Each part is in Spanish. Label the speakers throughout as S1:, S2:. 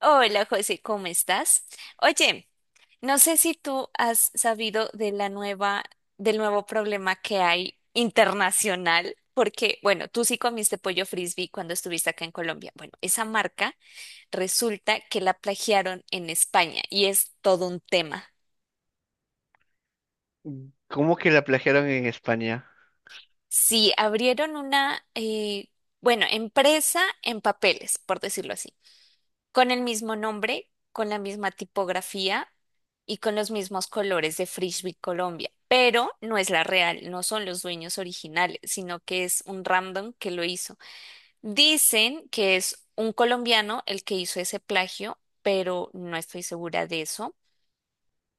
S1: Hola José, ¿cómo estás? Oye, no sé si tú has sabido de la nueva, del nuevo problema que hay internacional, porque, bueno, tú sí comiste pollo frisbee cuando estuviste acá en Colombia. Bueno, esa marca resulta que la plagiaron en España y es todo un tema.
S2: ¿Cómo que la plagiaron en España?
S1: Sí, abrieron una, bueno, empresa en papeles, por decirlo así. Con el mismo nombre, con la misma tipografía y con los mismos colores de Frisbee Colombia, pero no es la real, no son los dueños originales, sino que es un random que lo hizo. Dicen que es un colombiano el que hizo ese plagio, pero no estoy segura de eso.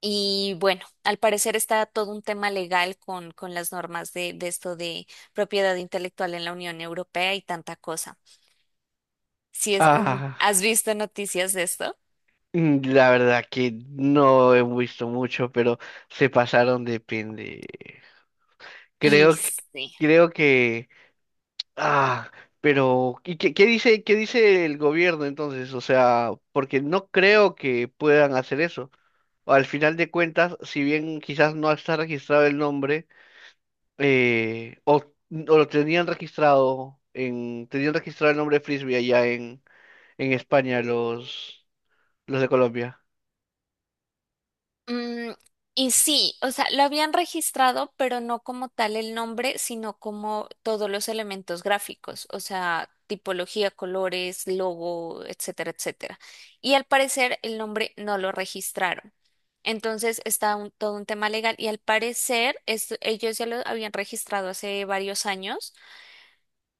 S1: Y bueno, al parecer está todo un tema legal con las normas de esto de propiedad intelectual en la Unión Europea y tanta cosa. Si es,
S2: Ah,
S1: ¿has visto noticias de esto?
S2: la verdad que no he visto mucho, pero se pasaron de pende.
S1: Y
S2: Creo que,
S1: sí.
S2: creo que, ah, pero ¿y qué dice el gobierno entonces? O sea, porque no creo que puedan hacer eso. Al final de cuentas, si bien quizás no está registrado el nombre, o lo tenían registrado el nombre de Frisbee allá en España, los de Colombia.
S1: Mm, y sí, o sea, lo habían registrado, pero no como tal el nombre, sino como todos los elementos gráficos, o sea, tipología, colores, logo, etcétera, etcétera. Y al parecer el nombre no lo registraron. Entonces está todo un tema legal y al parecer ellos ya lo habían registrado hace varios años.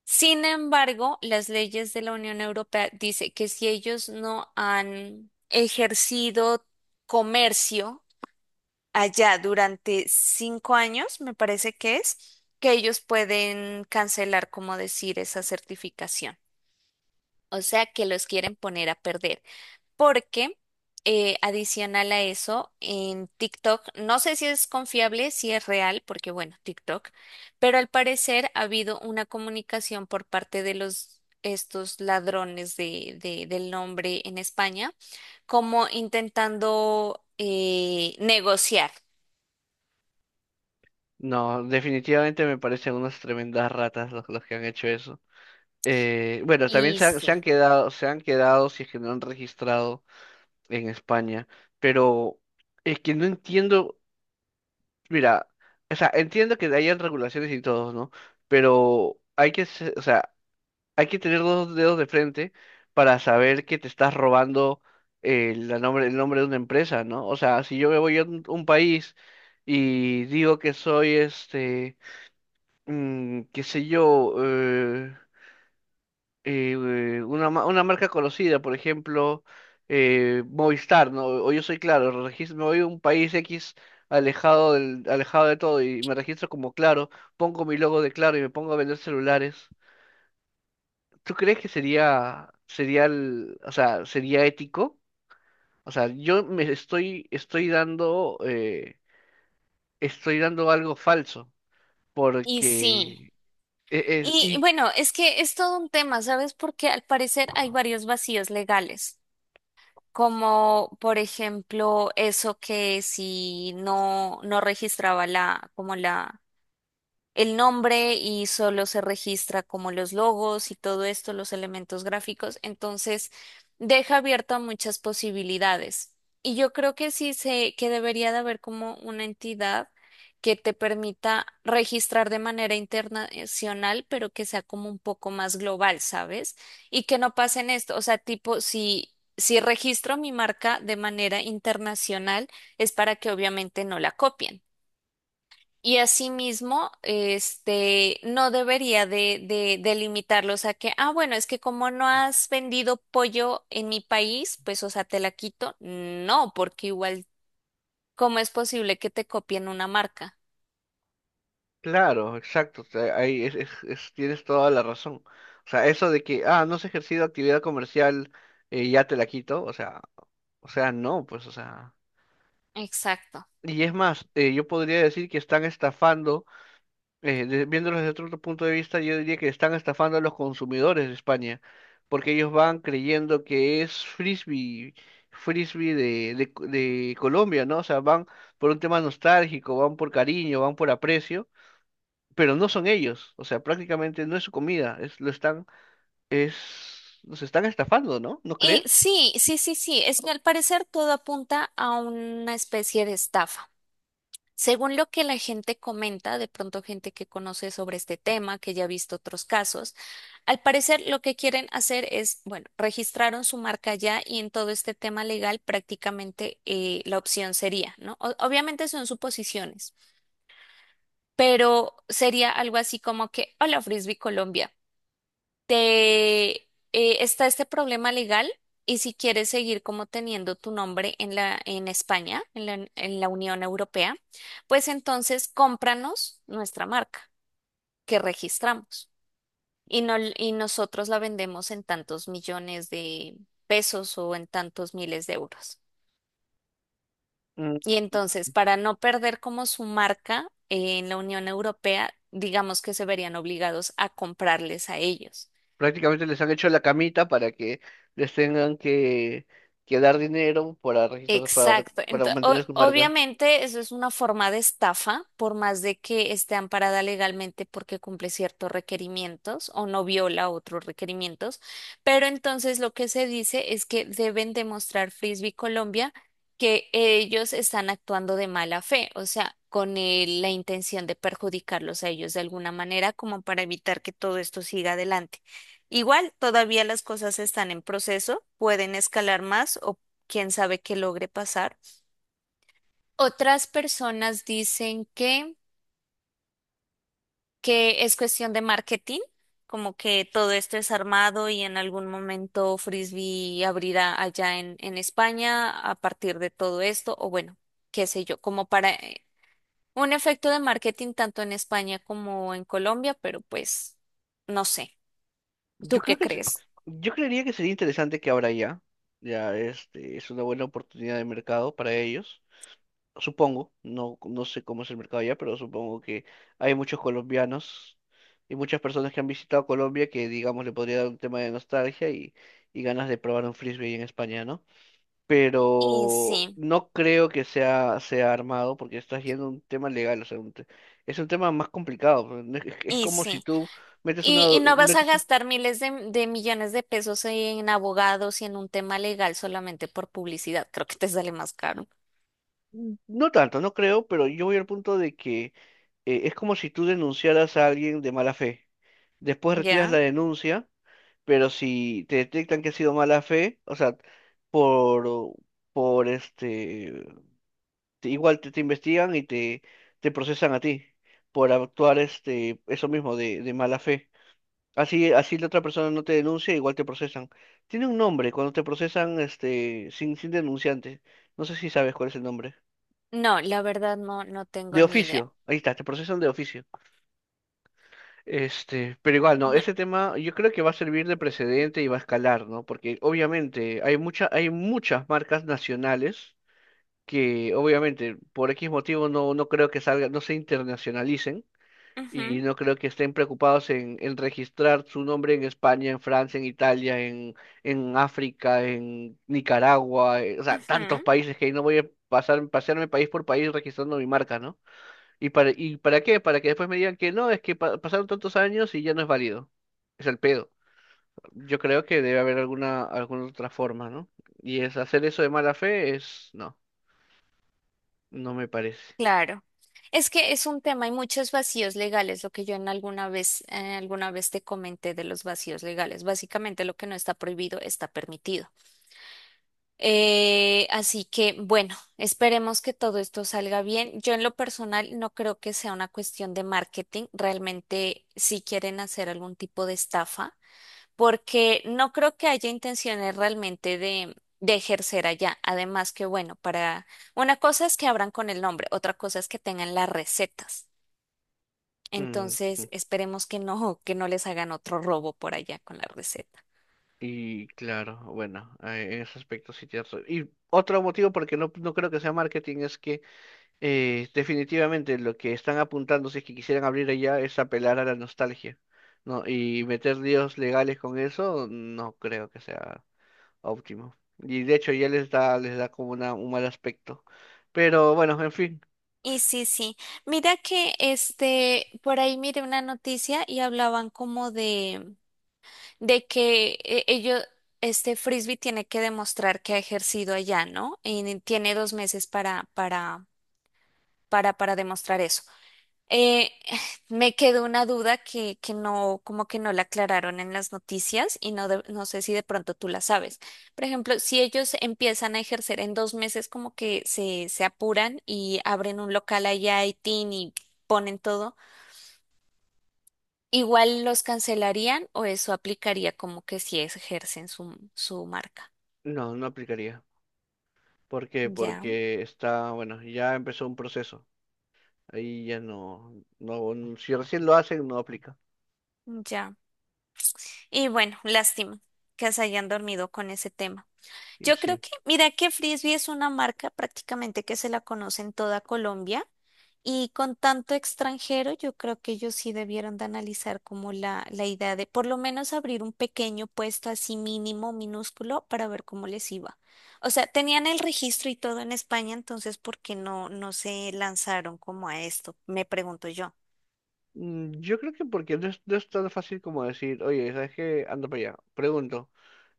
S1: Sin embargo, las leyes de la Unión Europea dice que si ellos no han ejercido comercio, allá durante 5 años, me parece que es, que ellos pueden cancelar, como decir, esa certificación. O sea, que los quieren poner a perder. Porque, adicional a eso, en TikTok, no sé si es confiable, si es real, porque bueno, TikTok, pero al parecer ha habido una comunicación por parte de los... estos ladrones de, del nombre en España, como intentando negociar.
S2: No, definitivamente me parecen unas tremendas ratas los que han hecho eso. Bueno, también
S1: Y sí.
S2: se han quedado si es que no han registrado en España, pero es que no entiendo, mira, o sea, entiendo que hayan regulaciones y todo, ¿no? Pero o sea, hay que tener dos dedos de frente para saber que te estás robando el nombre de una empresa, ¿no? O sea, si yo me voy a un país y digo que soy qué sé yo, una marca conocida, por ejemplo, Movistar, ¿no? O yo soy Claro, me voy a un país X, alejado alejado de todo y me registro como Claro, pongo mi logo de Claro y me pongo a vender celulares. ¿Tú crees que o sea, sería ético? O sea, yo me estoy dando algo falso,
S1: Y sí,
S2: porque e- es,
S1: y
S2: y
S1: bueno, es que es todo un tema, ¿sabes? Porque al parecer hay varios vacíos legales, como por ejemplo eso que si no, no registraba la, como la el nombre y solo se registra como los logos y todo esto, los elementos gráficos. Entonces, deja abierto a muchas posibilidades. Y yo creo que sí se, que debería de haber como una entidad que te permita registrar de manera internacional, pero que sea como un poco más global, ¿sabes? Y que no pasen esto, o sea, tipo, si, si registro mi marca de manera internacional, es para que obviamente no la copien. Y asimismo, este, no debería de limitarlos a que, ah, bueno, es que como no has vendido pollo en mi país, pues, o sea, te la quito. No, porque igual, ¿cómo es posible que te copien una marca?
S2: claro, exacto, o sea, ahí tienes toda la razón. O sea, eso de que, no has ejercido actividad comercial, ya te la quito, o sea, no, pues, o sea,
S1: Exacto.
S2: y es más, yo podría decir que están estafando, viéndolos desde otro punto de vista, yo diría que están estafando a los consumidores de España, porque ellos van creyendo que es frisbee de Colombia, ¿no? O sea, van por un tema nostálgico, van por cariño, van por aprecio, pero no son ellos, o sea, prácticamente no es su comida, es, lo están, es, los están estafando, ¿no? ¿No
S1: Y
S2: crees?
S1: sí, es que al parecer todo apunta a una especie de estafa. Según lo que la gente comenta, de pronto gente que conoce sobre este tema, que ya ha visto otros casos, al parecer lo que quieren hacer es, bueno, registraron su marca ya y en todo este tema legal prácticamente la opción sería, ¿no? Obviamente son suposiciones, pero sería algo así como que, hola Frisbee Colombia te está este problema legal y si quieres seguir como teniendo tu nombre en la en España, en la Unión Europea, pues entonces cómpranos nuestra marca que registramos y no y nosotros la vendemos en tantos millones de pesos o en tantos miles de euros.
S2: Mm.
S1: Y entonces, para no perder como su marca en la Unión Europea, digamos que se verían obligados a comprarles a ellos.
S2: Prácticamente les han hecho la camita para que les tengan que dar dinero para registrar,
S1: Exacto.
S2: para mantener su marca.
S1: Obviamente eso es una forma de estafa, por más de que esté amparada legalmente porque cumple ciertos requerimientos o no viola otros requerimientos, pero entonces lo que se dice es que deben demostrar Frisbee Colombia que ellos están actuando de mala fe, o sea, con la intención de perjudicarlos a ellos de alguna manera como para evitar que todo esto siga adelante. Igual, todavía las cosas están en proceso, pueden escalar más o quién sabe qué logre pasar. Otras personas dicen que es cuestión de marketing, como que todo esto es armado y en algún momento Frisbee abrirá allá en España a partir de todo esto, o bueno, qué sé yo, como para un efecto de marketing tanto en España como en Colombia, pero pues no sé,
S2: Yo
S1: ¿tú
S2: creo
S1: qué
S2: que
S1: crees?
S2: yo creería que sería interesante que ahora ya, es una buena oportunidad de mercado para ellos. Supongo, no, no sé cómo es el mercado allá, pero supongo que hay muchos colombianos y muchas personas que han visitado Colombia que, digamos, le podría dar un tema de nostalgia y ganas de probar un frisbee ahí en España, ¿no?
S1: Y
S2: Pero
S1: sí,
S2: no creo que sea armado porque estás yendo a un tema legal, o sea, es un tema más complicado. Pues, no es
S1: y
S2: como si
S1: sí.
S2: tú metes una,
S1: Y no vas a
S2: metes
S1: gastar miles de millones de pesos en abogados y en un tema legal solamente por publicidad. Creo que te sale más caro.
S2: Mm, No tanto, no creo, pero yo voy al punto de que es como si tú denunciaras a alguien de mala fe. Después retiras la
S1: ¿Ya?
S2: denuncia, pero si te detectan que ha sido mala fe, o sea, por, por este, igual te investigan y te procesan a ti por actuar, eso mismo de mala fe. Así la otra persona no te denuncia, igual te procesan. Tiene un nombre cuando te procesan sin denunciante. No sé si sabes cuál es el nombre.
S1: No, la verdad no, no
S2: De
S1: tengo ni idea.
S2: oficio, ahí está, te procesan de oficio. Pero igual, no,
S1: No.
S2: ese tema yo creo que va a servir de precedente y va a escalar, ¿no? Porque obviamente hay muchas marcas nacionales que obviamente por X motivo no creo que salgan, no se internacionalicen y
S1: Ujú,
S2: no creo que estén preocupados en registrar su nombre en España, en Francia, en Italia, en África, en Nicaragua, o sea, tantos
S1: ujú,
S2: países que ahí no voy a pasearme país por país registrando mi marca, ¿no? ¿Y para qué? Para que después me digan que no, es que pasaron tantos años y ya no es válido. Es el pedo. Yo creo que debe haber alguna otra forma, ¿no? Y es hacer eso de mala fe es, no, no me parece.
S1: claro. Es que es un tema, hay muchos vacíos legales, lo que yo en alguna vez te comenté de los vacíos legales. Básicamente lo que no está prohibido está permitido. Así que bueno, esperemos que todo esto salga bien. Yo en lo personal no creo que sea una cuestión de marketing. Realmente si quieren hacer algún tipo de estafa, porque no creo que haya intenciones realmente de ejercer allá. Además que bueno, para una cosa es que abran con el nombre, otra cosa es que tengan las recetas.
S2: Mm,
S1: Entonces,
S2: mm.
S1: esperemos que no les hagan otro robo por allá con la receta.
S2: Y claro, bueno, en ese aspecto sí tienes razón. Y otro motivo porque no creo que sea marketing es que definitivamente lo que están apuntando, si es que quisieran abrir allá, es apelar a la nostalgia, ¿no? Y meter líos legales con eso, no creo que sea óptimo. Y de hecho ya les da como un mal aspecto. Pero bueno, en fin,
S1: Y sí, sí. Mira que este, por ahí miré una noticia y hablaban como de que ellos, este Frisbee tiene que demostrar que ha ejercido allá, ¿no? Y tiene 2 meses para demostrar eso. Eh, me quedó una duda que no, como que no la aclararon en las noticias y no, no sé si de pronto tú la sabes. Por ejemplo, si ellos empiezan a ejercer en 2 meses, como que se apuran y abren un local allá y tin y ponen todo, ¿igual los cancelarían o eso aplicaría como que si ejercen su, su marca?
S2: no, no aplicaría. ¿Por qué?
S1: Ya,
S2: Porque está, bueno, ya empezó un proceso. Ahí ya no, si recién lo hacen, no aplica.
S1: ya. Y bueno, lástima que se hayan dormido con ese tema.
S2: Y
S1: Yo creo
S2: sí.
S1: que, mira que Frisbee es una marca prácticamente que se la conoce en toda Colombia y con tanto extranjero yo creo que ellos sí debieron de analizar como la idea de por lo menos abrir un pequeño puesto así mínimo, minúsculo, para ver cómo les iba. O sea, tenían el registro y todo en España, entonces ¿por qué no, no se lanzaron como a esto? Me pregunto yo.
S2: Yo creo que porque no es tan fácil como decir, oye, ¿sabes qué? Anda para allá. Pregunto,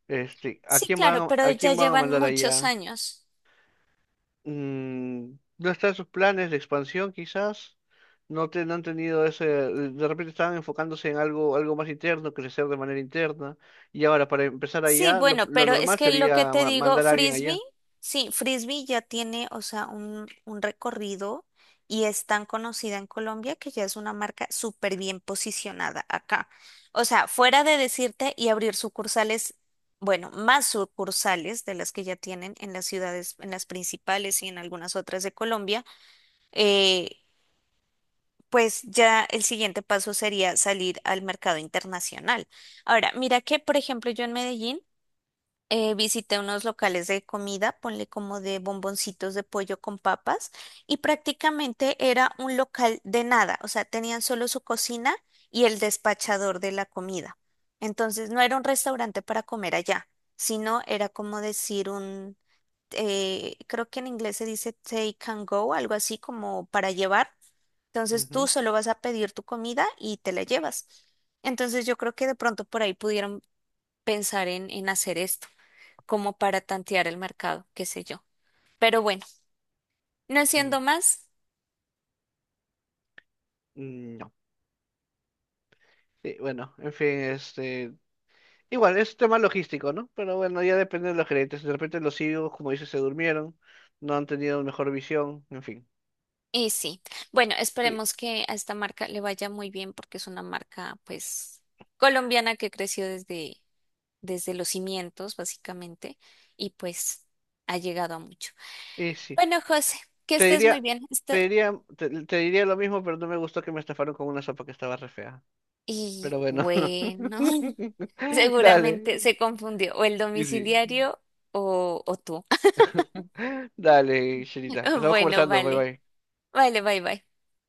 S2: ¿a
S1: Sí,
S2: quién
S1: claro, pero
S2: a
S1: ya
S2: quién van a
S1: llevan
S2: mandar
S1: muchos
S2: allá?
S1: años.
S2: No está en sus planes de expansión, quizás. No, no han tenido ese. De repente estaban enfocándose en algo más interno, crecer de manera interna. Y ahora, para empezar
S1: Sí,
S2: allá,
S1: bueno,
S2: lo
S1: pero es
S2: normal
S1: que lo que
S2: sería
S1: te digo,
S2: mandar a alguien
S1: Frisbee,
S2: allá.
S1: sí, Frisbee ya tiene, o sea, un recorrido y es tan conocida en Colombia que ya es una marca súper bien posicionada acá. O sea, fuera de decirte y abrir sucursales, bueno, más sucursales de las que ya tienen en las ciudades, en las principales y en algunas otras de Colombia, eh, pues ya el siguiente paso sería salir al mercado internacional. Ahora, mira que, por ejemplo, yo en Medellín, visité unos locales de comida, ponle como de bomboncitos de pollo con papas, y prácticamente era un local de nada, o sea, tenían solo su cocina y el despachador de la comida. Entonces no era un restaurante para comer allá, sino era como decir un, creo que en inglés se dice take and go, algo así como para llevar. Entonces tú
S2: Ujú,
S1: solo vas a pedir tu comida y te la llevas. Entonces yo creo que de pronto por ahí pudieron pensar en hacer esto, como para tantear el mercado, qué sé yo. Pero bueno, no
S2: mm,
S1: siendo más,
S2: mm, No. Sí, bueno, en fin. Igual, es tema logístico, ¿no? Pero bueno, ya depende de los gerentes. De repente los CEOs, como dices, se durmieron, no han tenido mejor visión, en fin.
S1: y sí. Bueno,
S2: Oye.
S1: esperemos que a esta marca le vaya muy bien porque es una marca, pues, colombiana que creció desde, desde los cimientos, básicamente, y pues ha llegado a mucho.
S2: Y, sí.
S1: Bueno, José, que
S2: Te
S1: estés muy
S2: diría,
S1: bien.
S2: te
S1: Esta-
S2: diría, te, te diría lo mismo, pero no me gustó que me estafaron con una sopa que estaba re fea.
S1: Y
S2: Pero bueno, no.
S1: bueno,
S2: Dale.
S1: seguramente se confundió o el
S2: Y sí.
S1: domiciliario o tú.
S2: Dale, Sherita. Estamos
S1: Bueno,
S2: conversando. Bye
S1: vale.
S2: bye.
S1: Vale, bye, bye.